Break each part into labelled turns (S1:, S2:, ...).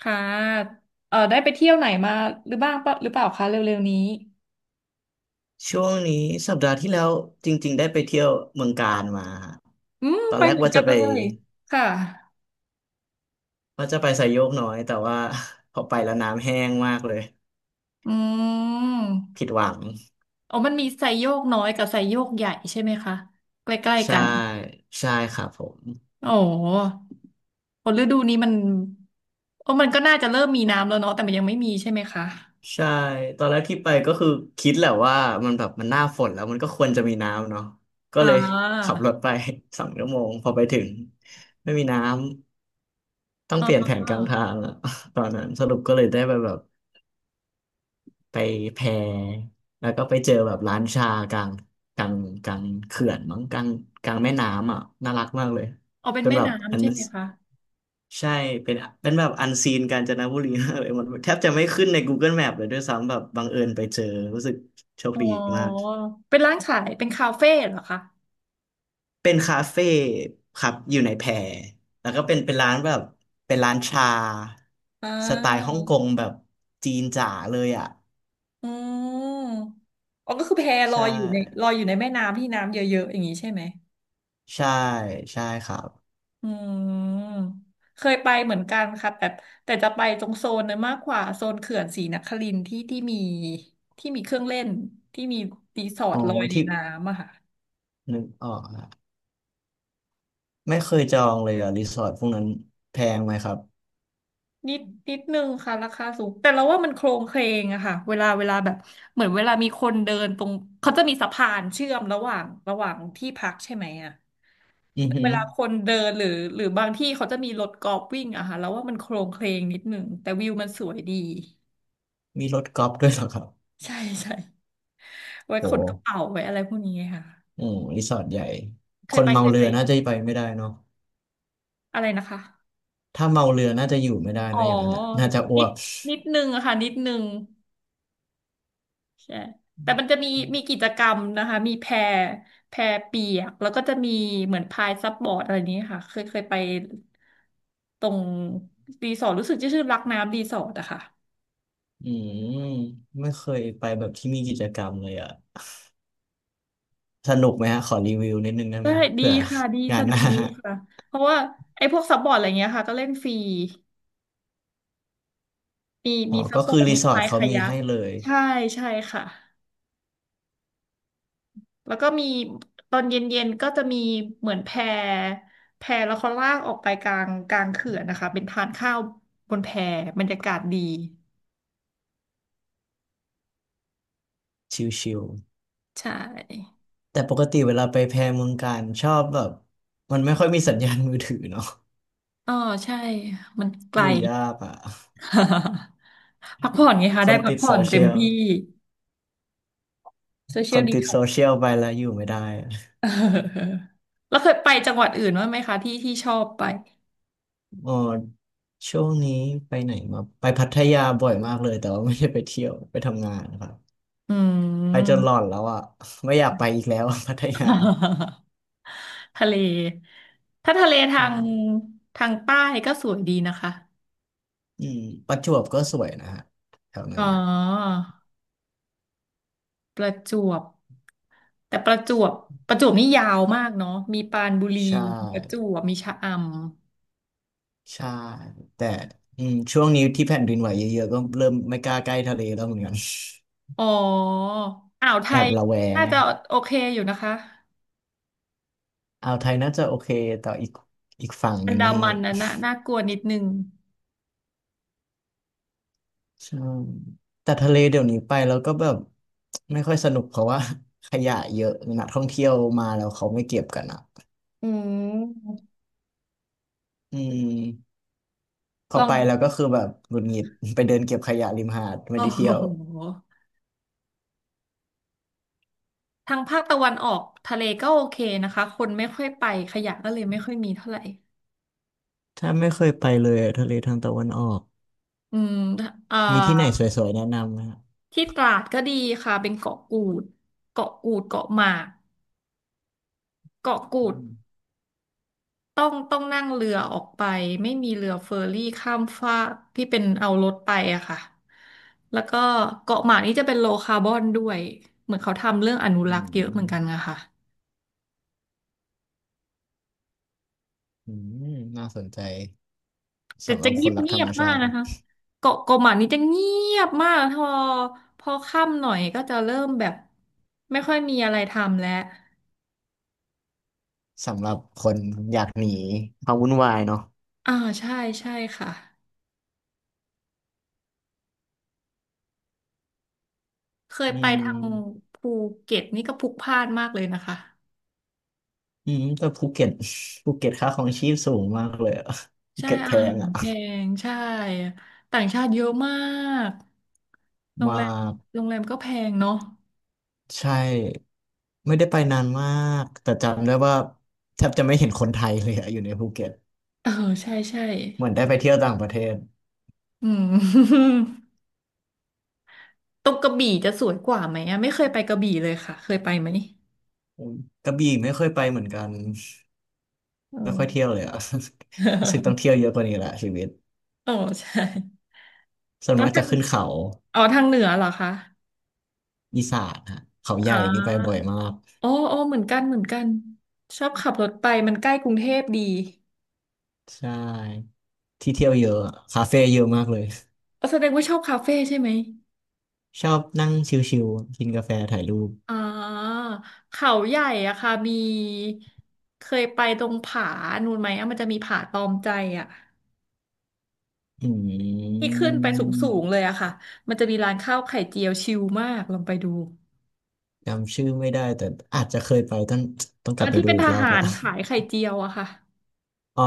S1: ค่ะได้ไปเที่ยวไหนมาหรือบ้างปะหรือเปล่าคะเร็วๆนี้
S2: ช่วงนี้สัปดาห์ที่แล้วจริงๆได้ไปเที่ยวเมืองกาญมาฮะ
S1: อืม
S2: ตอน
S1: ไป
S2: แรก
S1: เหมือน
S2: ว่า
S1: กั
S2: จะ
S1: น
S2: ไป
S1: เลยค่ะ
S2: ว่าจะไปไซโยกน้อยแต่ว่า พอไปแล้วน้ำแห้งมากเลย
S1: อืม
S2: ผิดหวัง
S1: อ๋อมันมีไซโยกน้อยกับไซโยกใหญ่ใช่ไหมคะใกล้ๆ
S2: ใช่
S1: กัน
S2: ใช่ครับผม
S1: โอ้โหพอฤดูนี้มันโอ้มันก็น่าจะเริ่มมีน้ำแล้วเนาะแต่มันยังไม่มีใช่ไหมคะ
S2: ใช่ตอนแรกที่ไปก็คือคิดแหละว่ามันแบบมันหน้าฝนแล้วมันก็ควรจะมีน้ำเนาะก็
S1: อ่
S2: เลยขั
S1: า
S2: บรถไป 2 ชั่วโมงพอไปถึงไม่มีน้ำต้อง
S1: อ๋
S2: เปลี่ยน
S1: อ
S2: แผนกลางทางอะ ตอนนั้นสรุปก็เลยได้ไปแบบ ไปแพแล้วก็ไปเจอแบบร้านชากลางกลางกลางเขื่อนมั้งกลางกลางแม่น้ำอ่ะน่ารักมากเลย
S1: อ๋อเป็น
S2: เป็น
S1: แม่
S2: แบบอั
S1: น้ำ
S2: น
S1: ใช่ไหมคะ
S2: ใช่เป็นเป็นแบบอันซีนกาญจนบุรี มากเลยมันแทบจะไม่ขึ้นใน Google Map เลยด้วยซ้ำแบบบังเอิญไปเจอรู้สึกโชค
S1: อ๋อ
S2: ดีมาก
S1: เป็นร้านขายเป็นคาเฟ่เหรอคะ
S2: เป็นคาเฟ่ครับอยู่ในแพแล้วก็เป็นร้านแบบเป็นร้านชา
S1: อ่
S2: สไตล์ฮ่องก
S1: า
S2: งแบบจีนจ๋าเลยอ่ะ
S1: อ๋ออ๋อก็คือแพลอ
S2: ใช่
S1: ยอยู่ในแม่น้ำที่น้ำเยอะๆอย่างนี้ใช่ไหม
S2: ใช่ใช่ครับ
S1: อืมเคยไปเหมือนกันค่ะแต่จะไปตรงโซนนั้นมากกว่าโซนเขื่อนศรีนครินทร์ที่มีที่มีเครื่องเล่นที่มีรีสอร์
S2: อ๋
S1: ท
S2: อ
S1: ลอยใน
S2: ที่
S1: น้ำอะค่ะ
S2: นึกออกอะไม่เคยจองเลยอะรีสอร์ทพวกนั้นแพงไหมครับ
S1: นิดนิดนึงค่ะราคาสูงแต่เราว่ามันโครงเคลงอะค่ะเวลาแบบเหมือนเวลามีคนเดินตรงเขาจะมีสะพานเชื่อมระหว่างที่พักใช่ไหมอะ
S2: อือหื
S1: เว
S2: อ
S1: ลาคนเดินหรือบางที่เขาจะมีรถกอล์ฟวิ่งอะค่ะแล้วว่ามันโครงเคลงนิดหนึ่งแต่วิวมันสวยดี
S2: มีรถกอล์ฟด้วยเหรอครับ
S1: ใช่ใช่ไว้ขนกระ
S2: โห
S1: เป๋าไว้อะไรพวกนี้ค่ะ
S2: อืมรีสอร์ทใหญ่คนเมา
S1: เคย
S2: เรื
S1: ไป
S2: อน่าจะไปไม่ได้เนาะ
S1: อะไรนะคะ
S2: ถ้าเมาเรือน่าจะอยู่ไม่ได้
S1: อ๋อ
S2: เนาะอย่างนั้นอะน่าจะอ้
S1: นิ
S2: ว
S1: ด
S2: ก
S1: นิดนึงอะค่ะนิดนึงใช่แต่มันจะมีมีกิจกรรมนะคะมีแพแพเปียกแล้วก็จะมีเหมือนพายซับบอร์ดอะไรนี้ค่ะเคยไปตรงรีสอร์ทรู้สึกจะชื่อรักน้ำรีสอร์ทอะค่ะ
S2: อืมไม่เคยไปแบบที่มีกิจกรรมเลยอะสนุกไหมฮะขอรีวิวนิดนึงได้ไห
S1: ได้
S2: ม
S1: ดี
S2: เผื่อ
S1: ค่ะดี
S2: งา
S1: ส
S2: น
S1: นุ
S2: ห
S1: ก
S2: น้า
S1: ดีค่ะเพราะว่าไอ้พวกซับบอร์ดอะไรเงี้ยค่ะก็เล่นฟรี
S2: อ๋อ
S1: มีซับ
S2: ก็
S1: บอ
S2: คือ
S1: ร์ด
S2: รี
S1: มี
S2: สอร์ท
S1: พาย
S2: เขา
S1: คา
S2: มี
S1: ยัก
S2: ให้เลย
S1: ใช่ใช่ค่ะแล้วก็มีตอนเย็นๆก็จะมีเหมือนแพแล้วเขาลากออกไปกลางเขื่อนนะคะเป็นทานข้าวบนแพบรรยากาศดี
S2: ชิล
S1: ใช่
S2: แต่ปกติเวลาไปแพรเมืองการชอบแบบมันไม่ค่อยมีสัญญาณมือถือเนาะ
S1: อ๋อใช่มันไก
S2: อ
S1: ล
S2: ยู่ยากอ่ะ
S1: พักผ่อนไงคะ
S2: ค
S1: ได้
S2: น
S1: พัก
S2: ติด
S1: ผ่อ
S2: โซ
S1: นเต็
S2: เชี
S1: ม
S2: ยล
S1: ที่โซเชี
S2: ค
S1: ยล
S2: น
S1: ดี
S2: ติดโซเชียลไปแล้วอยู่ไม่ได้อะ
S1: เออแล้วเคยไปจังหวัดอื่นบ้างไหมคะที่ชอบไป
S2: อ๋อช่วงนี้ไปไหนมาไปพัทยาบ่อยมากเลยแต่ว่าไม่ได้ไปเที่ยวไปทำงานนะครับ
S1: อื
S2: ไปจนหลอน
S1: ม
S2: แล้วอ่ะไม่อยากไปอีกแล้ว พัทยา
S1: ทะเลถ้าทะเล
S2: อ่า
S1: ทางใต้ก็สวยดีนะคะ
S2: อืมประจวบก็สวยนะฮะแถว
S1: อ๋
S2: นั้
S1: อ
S2: น
S1: ประจวบแต่ประจวบประจวบนี่ยาวมากเนาะมีปรานบุรี
S2: ใช่
S1: มีประจวบมีชะอำ
S2: ใช่แต่อืมช่วงนี้ที่แผ่นดินไหวเยอะๆก็เริ่มไม่กล้าใกล้ทะเลแล้วเหมือนกัน
S1: อ๋ออ่าวไท
S2: แอบ
S1: ย
S2: ระแวง
S1: น่าจะโอเคอยู่นะคะ
S2: อ่าวไทยน่าจะโอเค แต่อีกฝั่งห
S1: อั
S2: นึ่
S1: น
S2: ง
S1: ดา
S2: นี่
S1: มันนะน่ะน่ากลัวนิดนึง
S2: ใช่ แต่ทะเลเดี๋ยวนี้ไปแล้วก็แบบไม่ค่อยสนุกเพราะว่า ขยะเยอะนักท่องเที่ยวมาแล้วเขาไม่เก็บกันอ่ะ
S1: อืม
S2: อืมพอ
S1: ลอ
S2: ไป
S1: ง
S2: แล้วก็คือแบบหงุดหงิด ไปเดินเก็บขยะริมหาดไม่
S1: โอ้
S2: ได้
S1: โห
S2: เที่ยว
S1: ทางภาคตะวันออกทะเลก็โอเคนะคะคนไม่ค่อยไปขยะก็เลยไม่ค่อยมีเท่าไหร่
S2: ถ้าไม่เคยไปเลยอะทะเลทางตะวันออก
S1: อืมเอ่
S2: มีที่ไหนส
S1: อ
S2: วยๆแนะนำไหมฮะ
S1: ที่ตราดก็ดีค่ะเป็นเกาะกูดเกาะหมากเกาะกูด
S2: อืม
S1: ต้องนั่งเรือออกไปไม่มีเรือเฟอร์รี่ข้ามฟากที่เป็นเอารถไปอะค่ะแล้วก็เกาะหมากนี่จะเป็นโลคาร์บอนด้วยเหมือนเขาทำเรื่องอนุ
S2: อื
S1: รักษ์เยอะเหมือนกัน
S2: ม
S1: นะคะ
S2: อืมน่าสนใจ
S1: แต่
S2: สำห
S1: จะ
S2: รับค
S1: เงีย
S2: น
S1: บ
S2: รัก
S1: เงี
S2: ธร
S1: ย
S2: ร
S1: บ
S2: ม
S1: มา
S2: ชา
S1: ก
S2: ติ
S1: นะคะเกาะหมานี่จะเงียบมากพอค่ำหน่อยก็จะเริ่มแบบไม่ค่อยมีอะไรทำแล้ว
S2: สำหรับคนอยากหนีความวุ่นวายเนาะ
S1: อ่าใช่ใช่ค่ะเคย
S2: อื
S1: ไปทาง
S2: ม
S1: ภูเก็ตนี่ก็พลุกพล่านมากเลยนะคะ
S2: อืมแต่ภูเก็ต ภูเก็ตค่าครองชีพสูงมากเลยอะ ภู
S1: ใช่
S2: เก็ตแพ
S1: อาหา
S2: ง
S1: ร
S2: อ่ะ
S1: แพงใช่ต่างชาติเยอะมากโรง
S2: มา
S1: แรม
S2: ก
S1: โรงแรมก็แพงเนาะ
S2: ใช่ไม่ได้ไปนานมากแต่จำได้ว่าแทบจะไม่เห็นคนไทยเลยอะอยู่ในภูเก็ต
S1: เออใช่ใช่
S2: เหมือนได้ไปเที่ยวต่างประเทศ
S1: อืม ตรงกระบี่จะสวยกว่าไหมอะไม่เคยไปกระบี่เลยค่ะเคยไปไหม
S2: อืมกระบี่ไม่ค่อยไปเหมือนกัน
S1: เอ
S2: ไม่ค่อยเที่ยว
S1: อ
S2: เลยอะ รู้สึกต้องเที่ย วเยอะกว่านี้แหละชีวิต
S1: โอ้ใช่
S2: ส่ว น
S1: ต้อง
S2: มาก
S1: ทา
S2: จะ
S1: ง
S2: ขึ้นเขา
S1: อ๋อทางเหนือเหรอคะ
S2: อีสานฮะเขาให
S1: อ๋
S2: ญ่
S1: อ
S2: นี่ไปบ่อยมาก
S1: อ๋ออ๋อเหมือนกันเหมือนกัน ชอบขับรถไปมันใกล้กรุงเทพดี
S2: ใช่ ที่เที่ยวเยอะอะคาเฟ่เยอะมากเลย
S1: อ๋อแสดงว่าชอบคาเฟ่ใช่ไหม
S2: ชอบนั่งชิลๆกินกาแฟถ่ายรูป
S1: อ๋อเขาใหญ่อะค่ะมีเคยไปตรงผานู่นไหมอะมันจะมีผาตอมใจอะ
S2: อื
S1: ที่ขึ้นไปสูงสูงเล
S2: ม
S1: ยอะค่ะมันจะมีร้านข้าวไข่เจียวชิลมากลองไปดู
S2: จำชื่อไม่ได้แต่อาจจะเคยไปต้อง
S1: เอ
S2: ก
S1: อ
S2: ลับไป
S1: ที่
S2: ดู
S1: เป็น
S2: อี
S1: ท
S2: กรอบ
S1: หา
S2: ละ
S1: รขายไข่เจียวอะค่ะ
S2: อ๋อ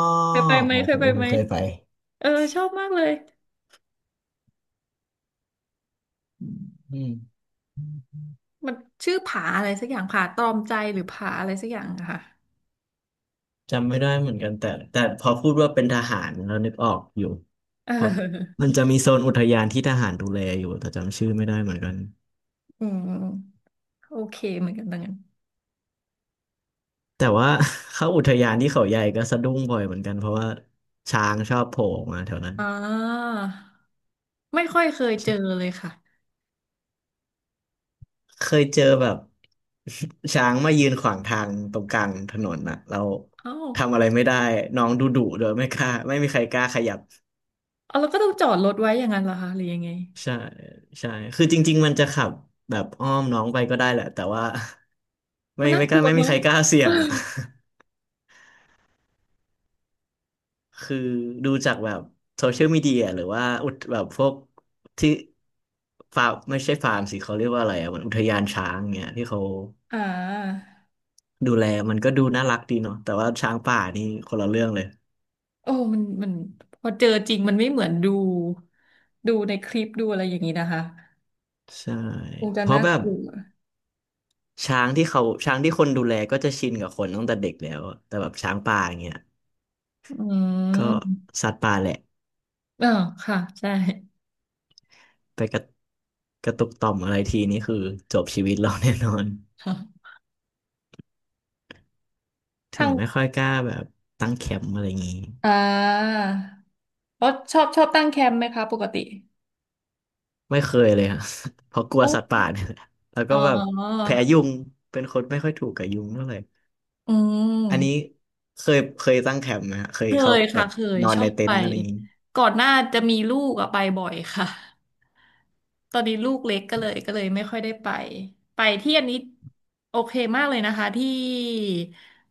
S2: อ๋อ
S1: เค
S2: ผ
S1: ย
S2: ม
S1: ไป
S2: ผม
S1: ไหม
S2: เคยไป
S1: เออชอบมากเลย
S2: อืม
S1: มันชื่อผาอะไรสักอย่างผาตรอมใจหรือผาอะไรสักอย่างอะค่ะ
S2: จำไม่ได้เหมือนกันแต่แต่พอพูดว่าเป็นทหารเรานึกออกอยู่
S1: เ
S2: เพราะ
S1: ออ
S2: มันจะมีโซนอุทยานที่ทหารดูแลอยู่แต่จำชื่อไม่ได้เหมือนกัน
S1: อืมโอเคเหมือนกันดังนั้น
S2: แต่ว่า เข้าอุทยานที่เขาใหญ่ก็สะดุ้งบ่อยเหมือนกันเพราะว่าช้างชอบโผล่ออกมาแถวนั้น
S1: อ่าไม่ค่อยเคยเจอเลยค่ะ
S2: เคยเจอแบบ ช้างมายืนขวางทางตรงกลางถนนน่ะเรา
S1: เอ้า
S2: ทำอะไรไม่ได้น้องดุดุเดยไม่มีใครกล้าขยับ
S1: เอาแล้วก็ต้องจอดรถไว้อย่างนั้นเหรอคะหรือยังไง
S2: ใช่ใช่คือจริงๆมันจะขับแบบอ้อมน้องไปก็ได้แหละแต่ว่า
S1: มันน่ากลัว
S2: ไม่มี
S1: เนาะ
S2: ใครกล้าเสี่ยงอ่ะ คือดูจากแบบโซเชียลมีเดียหรือว่าอุทแบบพวกที่ฟาร์มไม่ใช่ฟาร์มสิเขาเรียกว่าอะไรอ่ะเหมันอุทยานช้างเงี้ยที่เขา
S1: อ่า
S2: ดูแลมันก็ดูน่ารักดีเนาะแต่ว่าช้างป่านี่คนละเรื่องเลย
S1: โอ้มันพอเจอจริงมันไม่เหมือนดูในคลิปดูอะไรอย่างนี้นะคะ
S2: ใช่
S1: คงจะ
S2: เพราะ
S1: น่า
S2: แบ
S1: ก
S2: บ
S1: ลัว
S2: ช้างที่คนดูแลก็จะชินกับคนตั้งแต่เด็กแล้วอะแต่แบบช้างป่าอย่างเงี้ย
S1: อื
S2: ก็
S1: ม
S2: สัตว์ป่าแหละ
S1: อ่าค่ะใช่
S2: ไปกระกระตุกต่อมอะไรทีนี่คือจบชีวิตเราแน่นอน
S1: ค
S2: ถึ
S1: ่ะ
S2: งไม่ค่อยกล้าแบบตั้งแคมป์อะไรอย่างงี้
S1: อ่าแล้วชอบตั้งแคมป์ไหมคะปกติ
S2: ไม่เคยเลยอะ เพราะกลั
S1: โอ
S2: วสัตว์
S1: ้
S2: ป่าเนี่ยแหละแล้ว
S1: อ๋
S2: ก็
S1: อ
S2: แบบแพ้ยุง เป็นคนไม่ค่อยถูกกับยุงเท่าไหร่
S1: อื
S2: อันนี้
S1: ม
S2: เคยตั้งแคมป์ไหมฮะเคย
S1: เค
S2: เข้า
S1: ย
S2: แบ
S1: ค่ะ
S2: บ
S1: เคย
S2: นอน
S1: ชอ
S2: ใน
S1: บ
S2: เต็
S1: ไป
S2: นท์อะไรอย่างงี้
S1: ก่อนหน้าจะมีลูกอะไปบ่อยค่ะ ตอนนี้ลูกเล็กก็เลยไม่ค่อยได้ไปไปที่อันนี้โอเคมากเลยนะคะที่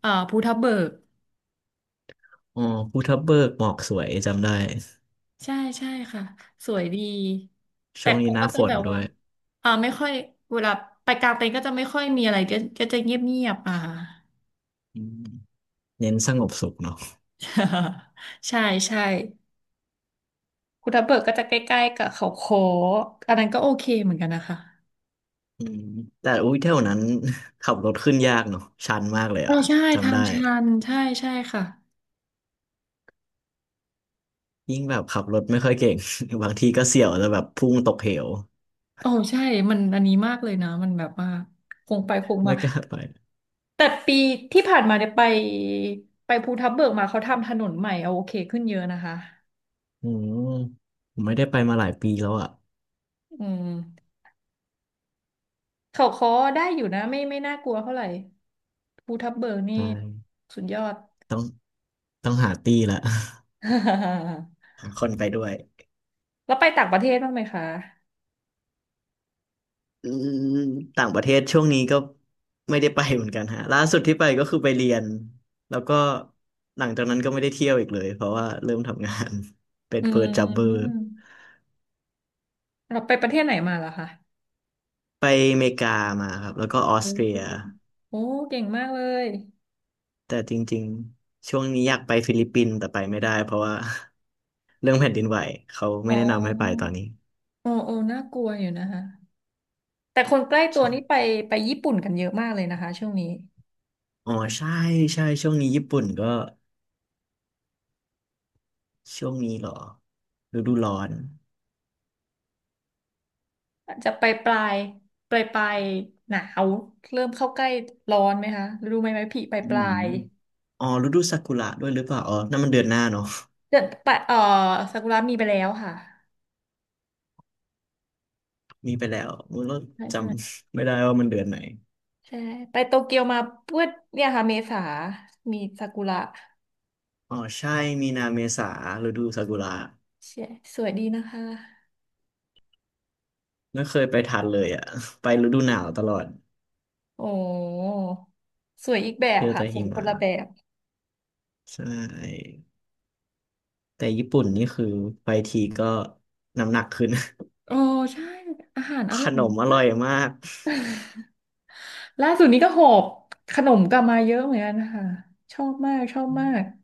S1: ภูทับเบิก
S2: อ๋อภูทับเบิกหมอกสวยจำได้
S1: ใช่ใช่ค่ะสวยดีแต่
S2: ช่วงนี้
S1: ก็
S2: หน้า
S1: จะ
S2: ฝ
S1: แบ
S2: น
S1: บ
S2: ด้ว
S1: ว่า
S2: ย
S1: อ่าไม่ค่อยเวลาไปกลางเต็นท์ก็จะไม่ค่อยมีอะไรก็จะเงียบเงียบอ่า
S2: อืมเน้นสงบสุขเนาะ
S1: ใช่ใช่ภูทับเบิกก็จะใกล้ๆกับเขาโค้กอันนั้นก็โอเคเหมือนกันนะคะ
S2: อืมแต่อุ้ยเท่านั้น ขับรถขึ้นยากเนาะชันมากเลย
S1: อ๋อ
S2: อะ
S1: ใช่ทา
S2: จำ
S1: ง
S2: ได้
S1: ชันใช่ใช่ค่ะ
S2: ยิ่งแบบขับรถไม่ค่อยเก่ง บางทีก็เสี่ยวจะแบบพุ่งตกเหว
S1: โอ้ใช่มันอันนี้มากเลยนะมันแบบว่าคงไปคงมา
S2: ไม่กล้าไป
S1: แต่ปีที่ผ่านมาเนี่ยไปภูทับเบิกมาเขาทำถนนใหม่เอาโอเคขึ้นเยอะนะคะ
S2: อืมผมไม่ได้ไปมาหลายปีแล้วอะ
S1: อืมเขาค้อได้อยู่นะไม่น่ากลัวเท่าไหร่ภูทับเบิกนี่
S2: ได้
S1: สุดยอด
S2: ต้องต้องหาตี้ละ หาคนไปด้วย
S1: แล้วไปต่างประเทศบ้างไหมคะ
S2: อืมต่างประเทศช่วงนี้ก็ไม่ได้ไปเหมือนกันฮะล่าสุดที่ไปก็คือไปเรียนแล้วก็หลังจากนั้นก็ไม่ได้เที่ยวอีกเลยเพราะว่าเริ่มทำงาน เป็น
S1: อื
S2: เพิร์จับเบอร์
S1: ม เราไปประเทศไหนมาเหรอคะ
S2: ไปอเมริกามาครับแล้วก็ออส
S1: โอ้
S2: เตรีย
S1: โอ้เก่งมากเลย
S2: แต่จริงๆช่วงนี้อยากไปฟิลิปปินส์แต่ไปไม่ได้เพราะว่า เรื่องแผ่นดินไหวเขา
S1: อ๋
S2: ไม่
S1: อ
S2: แนะนำให้ไปตอนนี้
S1: โอ้โอ้น่ากลัวอยู่นะคะแต่คนใกล้ตัว
S2: ใช่
S1: นี่ไปไปญี่ปุ่นกันเยอะมากเลยนะคะช่วงนี้
S2: อ๋อใช่ใช่ช่วงนี้ญี่ปุ่นก็ช่วงนี้เหรอฤดูร้อน
S1: จะไปปลายปลายปลายหนาวเริ่มเข้าใกล้ร้อนไหมคะรู้ไหมพี่ปลาย
S2: อื
S1: ปลา
S2: ม
S1: ย
S2: อ๋อฤดูซากุระด้วยหรือเปล่าอ๋อนั่นมันเดือนหน้าเนาะ
S1: เดือนปลายซากุระมีไปแล้วค่ะ
S2: มีไปแล้วมันก็
S1: ใช่
S2: จ
S1: ใช่ไ
S2: ำไม่ได้ว่ามันเดือนไหน
S1: ใช่ไปโตเกียวมาเพื่อเนี่ยค่ะเมษามีซากุระ
S2: อ๋อใช่มีนาเมษาฤดูซากุระ
S1: ใช่สวยดีนะคะ
S2: ไม่เคยไปทันเลยอ่ะ ไปฤดูหนาวตลอด
S1: โอ้สวยอีกแบบ
S2: เจอ
S1: ค่ะ
S2: แต่
S1: สว
S2: หิ
S1: ยค
S2: มะ
S1: นละแบบ
S2: ใช่แต่ญี่ปุ่นนี่คือไปทีก็น้ำหนักขึ้น
S1: โอ้ใช่ อาหารอ
S2: ข
S1: ร่อย
S2: นมอ
S1: มา
S2: ร่อ
S1: ก
S2: ยมาก
S1: ล่าสุดนี้ก็หอบขนมกลับมาเยอะเหมือนกันค่ะชอบมากชอบมาก